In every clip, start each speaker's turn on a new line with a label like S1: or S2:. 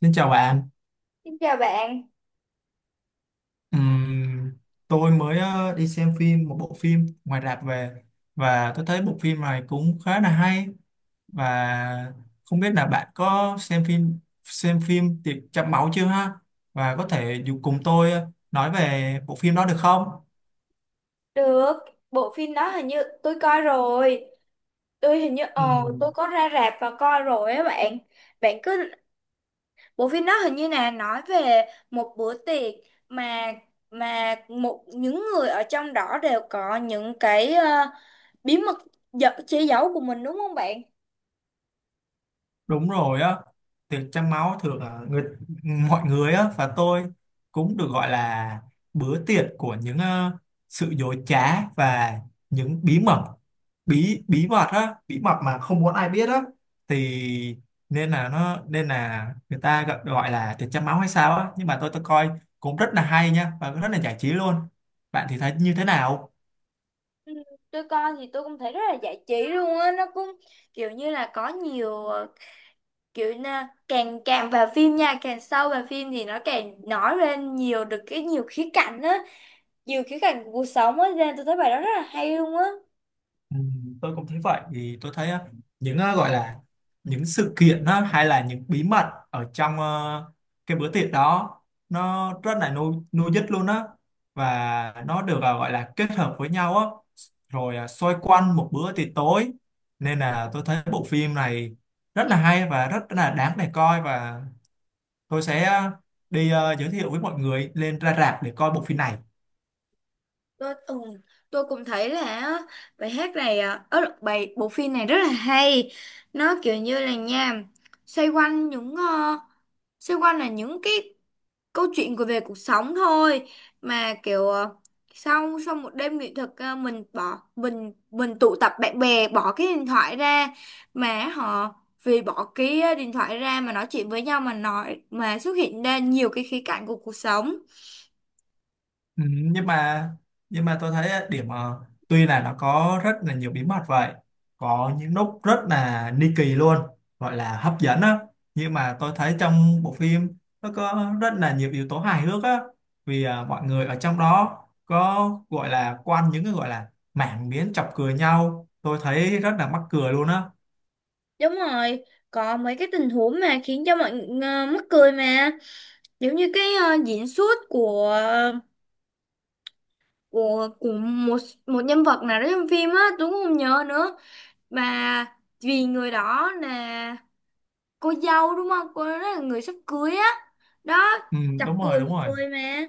S1: Xin chào bạn.
S2: Xin chào bạn.
S1: Ừm, tôi mới đi xem phim một bộ phim ngoài rạp về và tôi thấy bộ phim này cũng khá là hay, và không biết là bạn có xem phim Tiệc Trăng Máu chưa ha? Và có thể dù cùng tôi nói về bộ phim đó được không?
S2: Được, bộ phim đó hình như tôi coi rồi. Tôi hình như tôi có ra rạp và coi rồi á bạn. Bạn cứ bộ phim đó hình như là nói về một bữa tiệc mà mà một những người ở trong đó đều có những cái bí mật giật che giấu của mình đúng không bạn?
S1: Đúng rồi á, tiệc trăng máu thường là người mọi người á, và tôi cũng được gọi là bữa tiệc của những sự dối trá và những bí mật á, bí mật mà không muốn ai biết á thì nên là người ta gọi gọi là tiệc trăng máu hay sao á, nhưng mà tôi coi cũng rất là hay nha và rất là giải trí luôn. Bạn thì thấy như thế nào?
S2: Ừ, tôi coi thì tôi cũng thấy rất là giải trí luôn á, nó cũng kiểu như là có nhiều kiểu càng càng vào phim nha càng sâu vào phim thì nó càng nói lên nhiều được cái nhiều khía cạnh á nhiều khía cạnh của cuộc sống á nên tôi thấy bài đó rất là hay luôn á.
S1: Ừ, tôi cũng thấy vậy, thì tôi thấy á, những á, gọi là những sự kiện á, hay là những bí mật ở trong cái bữa tiệc đó, nó rất là nuôi nuôi dứt luôn á, và nó được gọi là kết hợp với nhau á, rồi xoay quanh một bữa tiệc tối, nên là tôi thấy bộ phim này rất là hay và rất là đáng để coi, và tôi sẽ đi giới thiệu với mọi người lên ra rạp để coi bộ phim này.
S2: Tôi tôi cũng thấy là á, bài hát này bài bộ phim này rất là hay. Nó kiểu như là nha xoay quanh những xoay quanh là những cái câu chuyện của về cuộc sống thôi, mà kiểu sau sau một đêm nghệ thuật mình bỏ mình tụ tập bạn bè bỏ cái điện thoại ra mà họ vì bỏ cái điện thoại ra mà nói chuyện với nhau mà nói mà xuất hiện ra nhiều cái khía cạnh của cuộc sống.
S1: Ừ, nhưng mà tôi thấy á, điểm tuy là nó có rất là nhiều bí mật vậy, có những lúc rất là ni kỳ luôn, gọi là hấp dẫn á, nhưng mà tôi thấy trong bộ phim nó có rất là nhiều yếu tố hài hước á, vì mọi người ở trong đó có gọi là quanh những cái gọi là mảng miếng chọc cười nhau, tôi thấy rất là mắc cười luôn á.
S2: Đúng rồi, có mấy cái tình huống mà khiến cho mọi người mắc cười mà. Giống như cái diễn xuất của của một một nhân vật nào đó trong phim á, Tuấn không nhớ nữa, mà vì người đó là cô dâu đúng không, cô đó là người sắp cưới á đó,
S1: Ừ,
S2: chọc
S1: đúng rồi,
S2: cười
S1: đúng
S2: mọi
S1: rồi.
S2: người mà.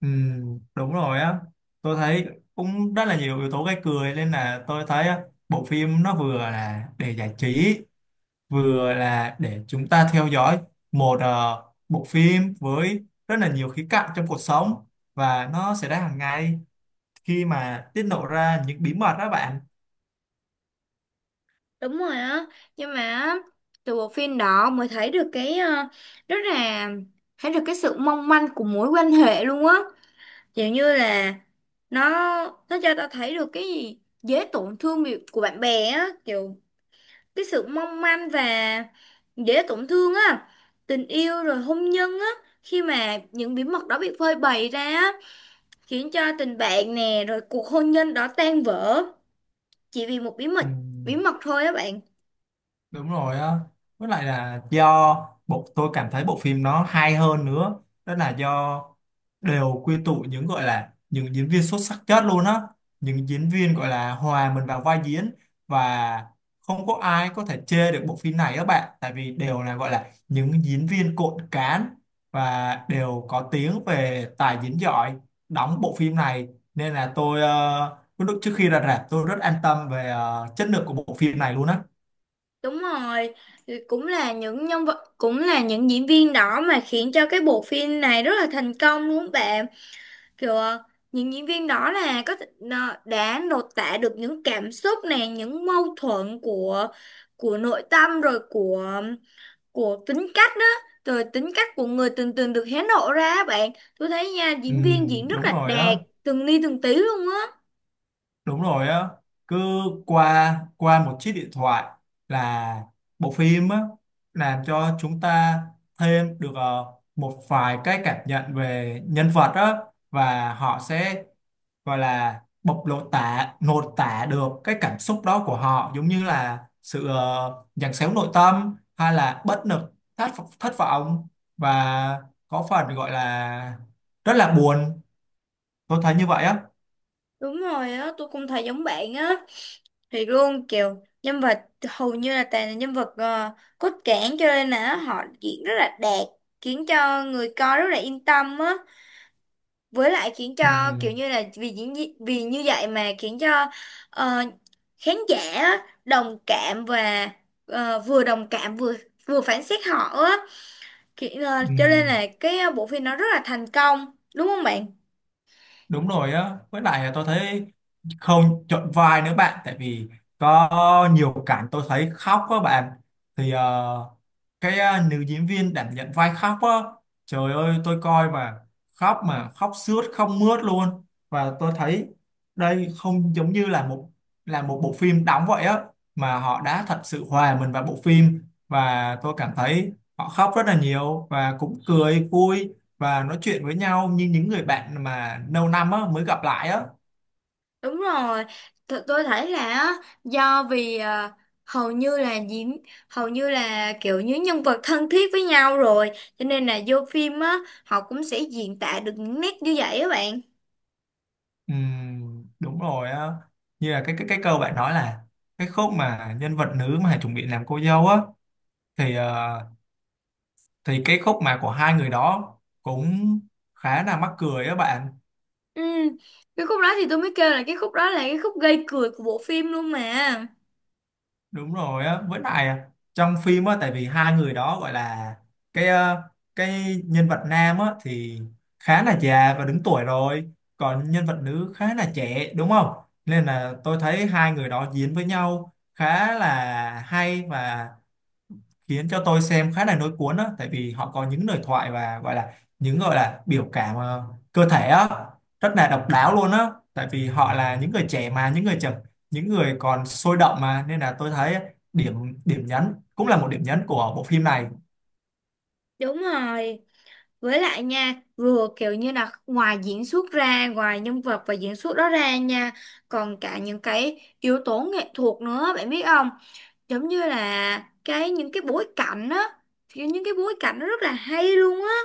S1: Ừ, đúng rồi á, tôi thấy cũng rất là nhiều yếu tố gây cười, nên là tôi thấy á, bộ phim nó vừa là để giải trí, vừa là để chúng ta theo dõi một bộ phim với rất là nhiều khía cạnh trong cuộc sống, và nó xảy ra hàng ngày khi mà tiết lộ ra những bí mật đó bạn.
S2: Đúng rồi á, nhưng mà từ bộ phim đó mới thấy được cái rất là thấy được cái sự mong manh của mối quan hệ luôn á, kiểu như là nó nó cho ta thấy được cái gì dễ tổn thương của bạn bè á, kiểu cái sự mong manh và dễ tổn thương á, tình yêu rồi hôn nhân á, khi mà những bí mật đó bị phơi bày ra á, khiến cho tình bạn nè rồi cuộc hôn nhân đó tan vỡ chỉ vì một bí
S1: Ừ.
S2: mật bí mật thôi á bạn.
S1: Đúng rồi á. Với lại là do tôi cảm thấy bộ phim nó hay hơn nữa. Đó là do đều quy tụ những gọi là những diễn viên xuất sắc nhất luôn á. Những diễn viên gọi là hòa mình vào vai diễn, và không có ai có thể chê được bộ phim này các bạn. Tại vì đều là gọi là những diễn viên cộn cán và đều có tiếng về tài diễn giỏi đóng bộ phim này. Nên là tôi lúc trước khi ra rạp tôi rất an tâm về chất lượng của bộ phim này luôn á.
S2: Đúng rồi, thì cũng là những nhân vật cũng là những diễn viên đó mà khiến cho cái bộ phim này rất là thành công luôn bạn. Kiểu những diễn viên đó là nó đã lột tả được những cảm xúc này, những mâu thuẫn của nội tâm rồi của tính cách đó, rồi tính cách của người từng từng được hé lộ ra á bạn. Tôi thấy nha
S1: Ừ,
S2: diễn viên diễn rất
S1: đúng
S2: là
S1: rồi á,
S2: đạt từng ly từng tí luôn á.
S1: đúng rồi á. Cứ qua qua một chiếc điện thoại là bộ phim á làm cho chúng ta thêm được một vài cái cảm nhận về nhân vật á, và họ sẽ gọi là bộc lộ tả nội tả được cái cảm xúc đó của họ, giống như là sự giằng xéo nội tâm hay là bất lực, thất thất vọng, và có phần gọi là rất là buồn, tôi thấy như vậy á.
S2: Đúng rồi á, tôi cũng thấy giống bạn á, thì luôn kiểu nhân vật hầu như là toàn là nhân vật cốt cản, cho nên là họ diễn rất là đạt, khiến cho người coi rất là yên tâm á, với lại khiến cho kiểu
S1: Ừ.
S2: như là vì vì như vậy mà khiến cho ờ, khán giả á, đồng cảm và vừa đồng cảm vừa vừa phán xét họ á. Cho nên
S1: Ừ,
S2: là cái bộ phim nó rất là thành công đúng không bạn?
S1: đúng rồi á, với lại tôi thấy không chọn vai nữa bạn, tại vì có nhiều cảnh tôi thấy khóc á bạn, thì cái nữ diễn viên đảm nhận vai khóc á, trời ơi tôi coi mà khóc, mà khóc sướt không mướt luôn, và tôi thấy đây không giống như là một, là một bộ phim đóng vậy á, mà họ đã thật sự hòa mình vào bộ phim, và tôi cảm thấy họ khóc rất là nhiều, và cũng cười vui và nói chuyện với nhau như những người bạn mà lâu năm á, mới gặp lại á.
S2: Đúng rồi, tôi thấy là á, do vì hầu như là diễn hầu như là kiểu như nhân vật thân thiết với nhau rồi, cho nên là vô phim á họ cũng sẽ diễn tả được những nét như vậy á bạn.
S1: Đúng rồi á, như là cái câu bạn nói, là cái khúc mà nhân vật nữ mà chuẩn bị làm cô dâu á, thì thì cái khúc mà của hai người đó cũng khá là mắc cười á bạn.
S2: Ừ, cái khúc đó thì tôi mới kêu là cái khúc đó là cái khúc gây cười của bộ phim luôn mà.
S1: Đúng rồi á, với lại trong phim á, tại vì hai người đó gọi là cái cái nhân vật nam á thì khá là già và đứng tuổi rồi, còn nhân vật nữ khá là trẻ đúng không, nên là tôi thấy hai người đó diễn với nhau khá là hay, và khiến cho tôi xem khá là nối cuốn á, tại vì họ có những lời thoại và gọi là những gọi là biểu cảm cơ thể á rất là độc đáo luôn á, tại vì họ là những người trẻ, mà những người trẻ, những người còn sôi động mà, nên là tôi thấy điểm điểm nhấn cũng là một điểm nhấn của bộ phim này.
S2: Đúng rồi. Với lại nha, vừa kiểu như là ngoài diễn xuất ra, ngoài nhân vật và diễn xuất đó ra nha, còn cả những cái yếu tố nghệ thuật nữa, bạn biết không? Giống như là cái những cái bối cảnh á, kiểu những cái bối cảnh nó rất là hay luôn á,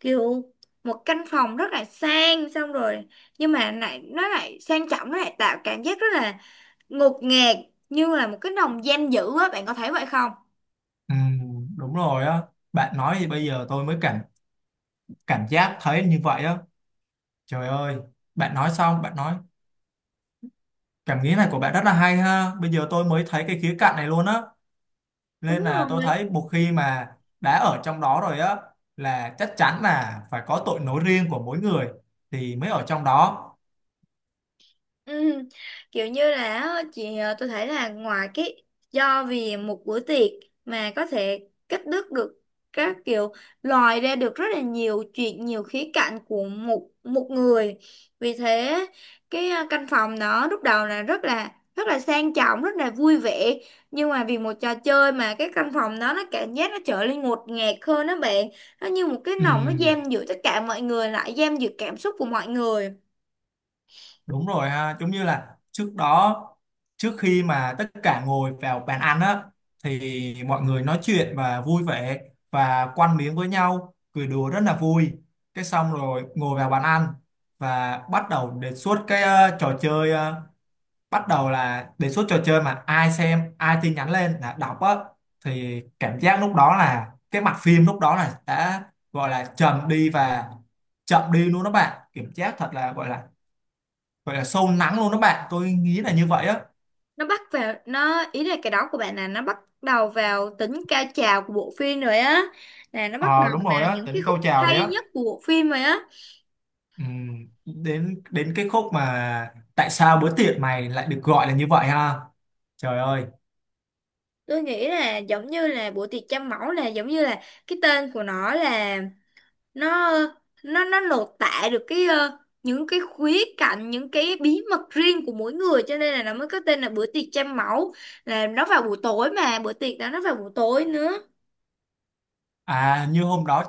S2: kiểu một căn phòng rất là sang xong rồi nhưng mà lại nó lại sang trọng nó lại tạo cảm giác rất là ngột ngạt, như là một cái nồng giam giữ á bạn có thấy vậy không?
S1: Đúng rồi á, bạn nói thì bây giờ tôi mới cảm cảm giác thấy như vậy á, trời ơi, bạn nói xong, bạn nói cảm nghĩ này của bạn rất là hay ha, bây giờ tôi mới thấy cái khía cạnh này luôn á, nên
S2: Đúng
S1: là tôi
S2: rồi,
S1: thấy một khi mà đã ở trong đó rồi á là chắc chắn là phải có tội lỗi riêng của mỗi người thì mới ở trong đó.
S2: Ừ, kiểu như là á, chị tôi thấy là ngoài cái do vì một bữa tiệc mà có thể cắt đứt được các kiểu, lòi ra được rất là nhiều chuyện, nhiều khía cạnh của một một người. Vì thế cái căn phòng đó lúc đầu là rất là sang trọng rất là vui vẻ, nhưng mà vì một trò chơi mà cái căn phòng đó nó cảm giác nó trở nên ngột ngạt hơn đó bạn. Nó như một cái nòng nó
S1: Ừm,
S2: giam giữ tất cả mọi người lại, giam giữ cảm xúc của mọi người.
S1: Đúng rồi ha, giống như là trước đó, trước khi mà tất cả ngồi vào bàn ăn á, thì mọi người nói chuyện và vui vẻ, và quăn miếng với nhau cười đùa rất là vui, cái xong rồi ngồi vào bàn ăn và bắt đầu đề xuất cái trò chơi, bắt đầu là đề xuất trò chơi mà ai xem ai tin nhắn lên là đọc á, thì cảm giác lúc đó là cái mặt phim lúc đó là đã gọi là trầm đi và chậm đi luôn đó bạn, cảm giác thật là gọi là sâu lắng luôn đó bạn, tôi nghĩ là như vậy á.
S2: Nó bắt vào, nó ý là cái đó của bạn là nó bắt đầu vào tính cao trào của bộ phim rồi á, là nó bắt
S1: Ờ Đúng
S2: đầu
S1: rồi
S2: vào
S1: á,
S2: những cái
S1: đến
S2: khúc
S1: câu chào đấy
S2: hay
S1: á.
S2: nhất của bộ phim rồi á.
S1: Đến đến cái khúc mà tại sao bữa tiệc mày lại được gọi là như vậy ha, trời ơi.
S2: Tôi nghĩ là giống như là bữa tiệc trăm mẫu là giống như là cái tên của nó là nó nó lột tả được cái những cái khía cạnh những cái bí mật riêng của mỗi người, cho nên là nó mới có tên là bữa tiệc trăm mẫu, là nó vào buổi tối, mà bữa tiệc đó nó vào buổi tối nữa.
S1: Như hôm đó,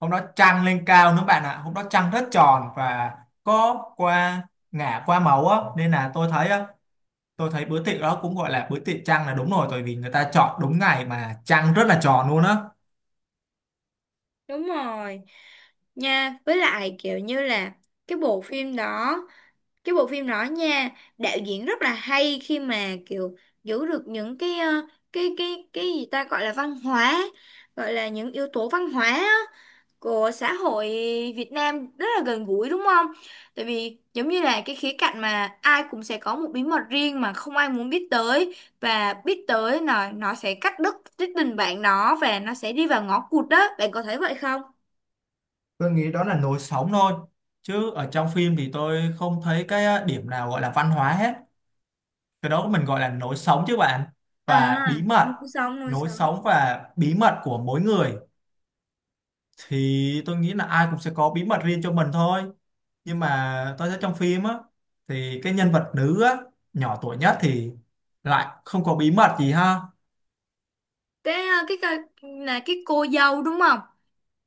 S1: trăng lên cao nữa bạn ạ, hôm đó trăng rất tròn và có qua ngả qua màu á, nên là tôi thấy á, tôi thấy bữa tiệc đó cũng gọi là bữa tiệc trăng là đúng rồi, tại vì người ta chọn đúng ngày mà trăng rất là tròn luôn á.
S2: Đúng rồi. Nha với lại kiểu như là cái bộ phim đó cái bộ phim đó nha, đạo diễn rất là hay khi mà kiểu giữ được những cái cái gì ta gọi là văn hóa, gọi là những yếu tố văn hóa á, của xã hội Việt Nam rất là gần gũi đúng không? Tại vì giống như là cái khía cạnh mà ai cũng sẽ có một bí mật riêng mà không ai muốn biết tới, và biết tới là nó sẽ cắt đứt cái tình bạn đó và nó sẽ đi vào ngõ cụt, đó bạn có thấy vậy không?
S1: Tôi nghĩ đó là nối sống thôi, chứ ở trong phim thì tôi không thấy cái á, điểm nào gọi là văn hóa hết, cái đó mình gọi là nối sống chứ bạn, và bí
S2: À,
S1: mật,
S2: nuôi sống, nuôi
S1: nối
S2: sống.
S1: sống và bí mật của mỗi người thì tôi nghĩ là ai cũng sẽ có bí mật riêng cho mình thôi, nhưng mà tôi thấy trong phim á thì cái nhân vật nữ á nhỏ tuổi nhất thì lại không có bí mật gì ha.
S2: Cái cái là cái cô dâu đúng không?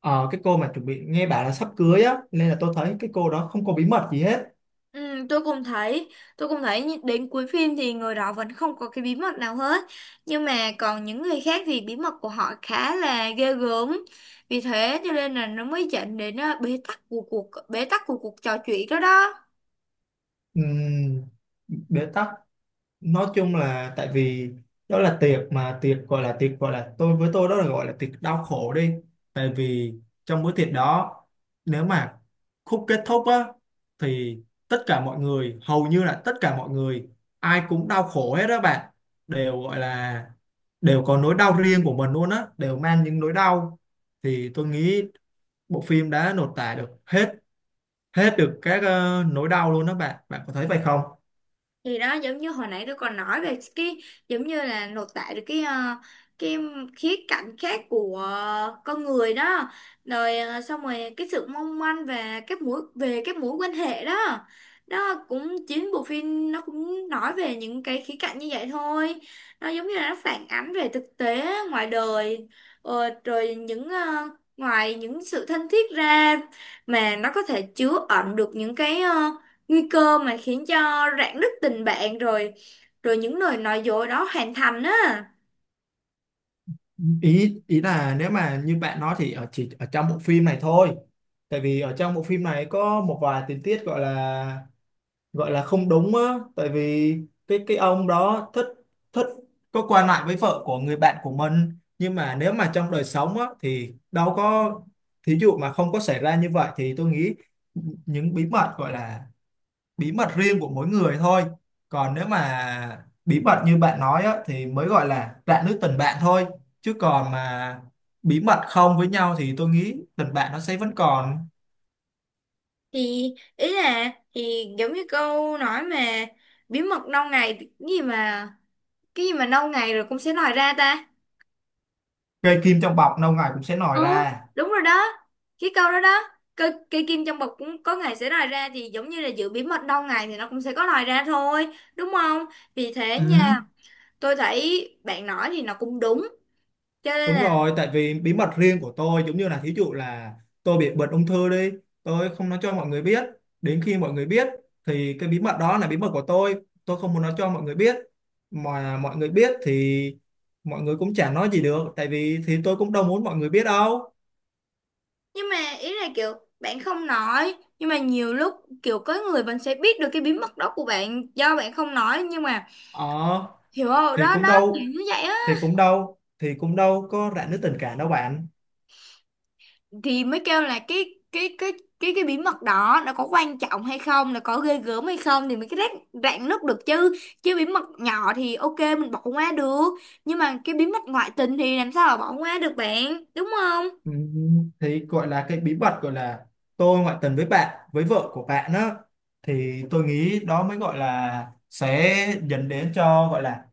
S1: Ờ, cái cô mà chuẩn bị nghe bảo là sắp cưới á, nên là tôi thấy cái cô đó không có bí mật gì hết.
S2: Ừ, tôi cũng thấy đến cuối phim thì người đó vẫn không có cái bí mật nào hết. Nhưng mà còn những người khác thì bí mật của họ khá là ghê gớm. Vì thế cho nên là nó mới dẫn đến bế tắc của cuộc trò chuyện đó đó.
S1: Ừm, Bế tắc, nói chung là tại vì đó là tiệc, mà tiệc gọi là tôi với tôi đó là gọi là tiệc đau khổ đi, tại vì trong bữa tiệc đó, nếu mà khúc kết thúc á, thì tất cả mọi người, hầu như là tất cả mọi người ai cũng đau khổ hết đó bạn, đều gọi là đều có nỗi đau riêng của mình luôn á, đều mang những nỗi đau, thì tôi nghĩ bộ phim đã lột tả được hết, được các nỗi đau luôn đó bạn bạn có thấy vậy không?
S2: Thì đó giống như hồi nãy tôi còn nói về cái, giống như là lột tả được cái cái khía cạnh khác của con người đó, rồi xong rồi cái sự mong manh và các mối quan hệ đó đó, cũng chính bộ phim nó cũng nói về những cái khía cạnh như vậy thôi. Nó giống như là nó phản ánh về thực tế ngoài đời, rồi những ngoài những sự thân thiết ra mà nó có thể chứa ẩn được những cái nguy cơ mà khiến cho rạn nứt tình bạn rồi, rồi những lời nói dối đó hoàn thành á.
S1: Ý ý là nếu mà như bạn nói thì chỉ ở trong bộ phim này thôi, tại vì ở trong bộ phim này có một vài tình tiết gọi là không đúng á, tại vì cái ông đó thích thích có qua lại với vợ của người bạn của mình, nhưng mà nếu mà trong đời sống á thì đâu có, thí dụ mà không có xảy ra như vậy thì tôi nghĩ những bí mật gọi là bí mật riêng của mỗi người thôi, còn nếu mà bí mật như bạn nói á, thì mới gọi là rạn nứt tình bạn thôi, chứ còn mà bí mật không với nhau thì tôi nghĩ tình bạn nó sẽ vẫn còn.
S2: Thì ý là thì giống như câu nói mà bí mật lâu ngày, cái gì mà lâu ngày rồi cũng sẽ lòi ra ta.
S1: Cây kim trong bọc lâu ngày cũng sẽ nổi
S2: Ừ,
S1: ra.
S2: đúng rồi đó, cái câu đó đó, cây kim trong bọc cũng có ngày sẽ lòi ra, thì giống như là giữ bí mật lâu ngày thì nó cũng sẽ có lòi ra thôi đúng không. Vì thế nha,
S1: Ừ.
S2: tôi thấy bạn nói thì nó cũng đúng, cho nên
S1: Đúng
S2: là
S1: rồi, tại vì bí mật riêng của tôi giống như là thí dụ là tôi bị bệnh ung thư đi, tôi không nói cho mọi người biết. Đến khi mọi người biết thì cái bí mật đó là bí mật của tôi không muốn nói cho mọi người biết. Mà mọi người biết thì mọi người cũng chả nói gì được, tại vì thì tôi cũng đâu muốn mọi người biết đâu.
S2: nhưng mà ý là kiểu bạn không nói nhưng mà nhiều lúc kiểu có người vẫn sẽ biết được cái bí mật đó của bạn do bạn không nói, nhưng mà
S1: Ờ,
S2: hiểu không
S1: thì
S2: đó,
S1: cũng
S2: nó kiểu
S1: đâu,
S2: như vậy á.
S1: thì cũng đâu có rạn nứt tình cảm đâu bạn.
S2: Thì mới kêu là cái bí mật đó nó có quan trọng hay không, nó có ghê gớm hay không thì mới cái rạn rạn nứt được chứ. Chứ bí mật nhỏ thì ok mình bỏ qua được, nhưng mà cái bí mật ngoại tình thì làm sao mà bỏ qua được bạn đúng không.
S1: Ừ, thì gọi là cái bí mật gọi là tôi ngoại tình với bạn, với vợ của bạn á, thì tôi nghĩ đó mới gọi là sẽ dẫn đến cho gọi là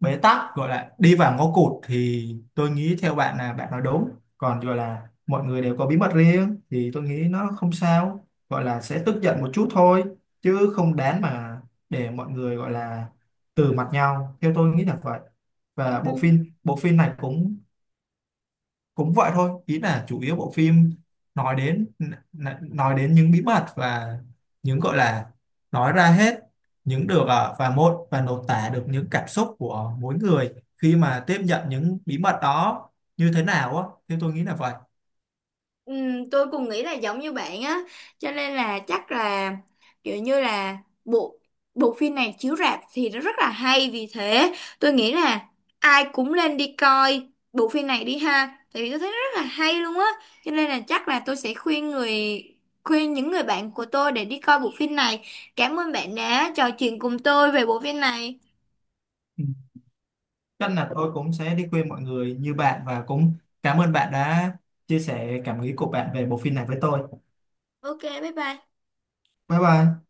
S1: bế tắc, gọi là đi vào ngõ cụt, thì tôi nghĩ theo bạn là bạn nói đúng, còn gọi là mọi người đều có bí mật riêng thì tôi nghĩ nó không sao, gọi là sẽ tức giận một chút thôi, chứ không đáng mà để mọi người gọi là từ mặt nhau, theo tôi nghĩ là vậy. Và
S2: Ừ.
S1: bộ phim này cũng cũng vậy thôi, ý là chủ yếu bộ phim nói đến nói đến những bí mật và những gọi là nói ra hết những được và một và lột tả được những cảm xúc của mỗi người khi mà tiếp nhận những bí mật đó như thế nào á, thì tôi nghĩ là vậy.
S2: Ừ, tôi cũng nghĩ là giống như bạn á, cho nên là chắc là kiểu như là bộ bộ phim này chiếu rạp thì nó rất là hay. Vì thế tôi nghĩ là ai cũng nên đi coi bộ phim này đi ha, tại vì tôi thấy nó rất là hay luôn á, cho nên là chắc là tôi sẽ khuyên những người bạn của tôi để đi coi bộ phim này. Cảm ơn bạn đã trò chuyện cùng tôi về bộ phim này.
S1: Ừ. Chắc là tôi cũng sẽ đi khuyên mọi người như bạn, và cũng cảm ơn bạn đã chia sẻ cảm nghĩ của bạn về bộ phim này với tôi.
S2: Ok, bye bye.
S1: Bye bye.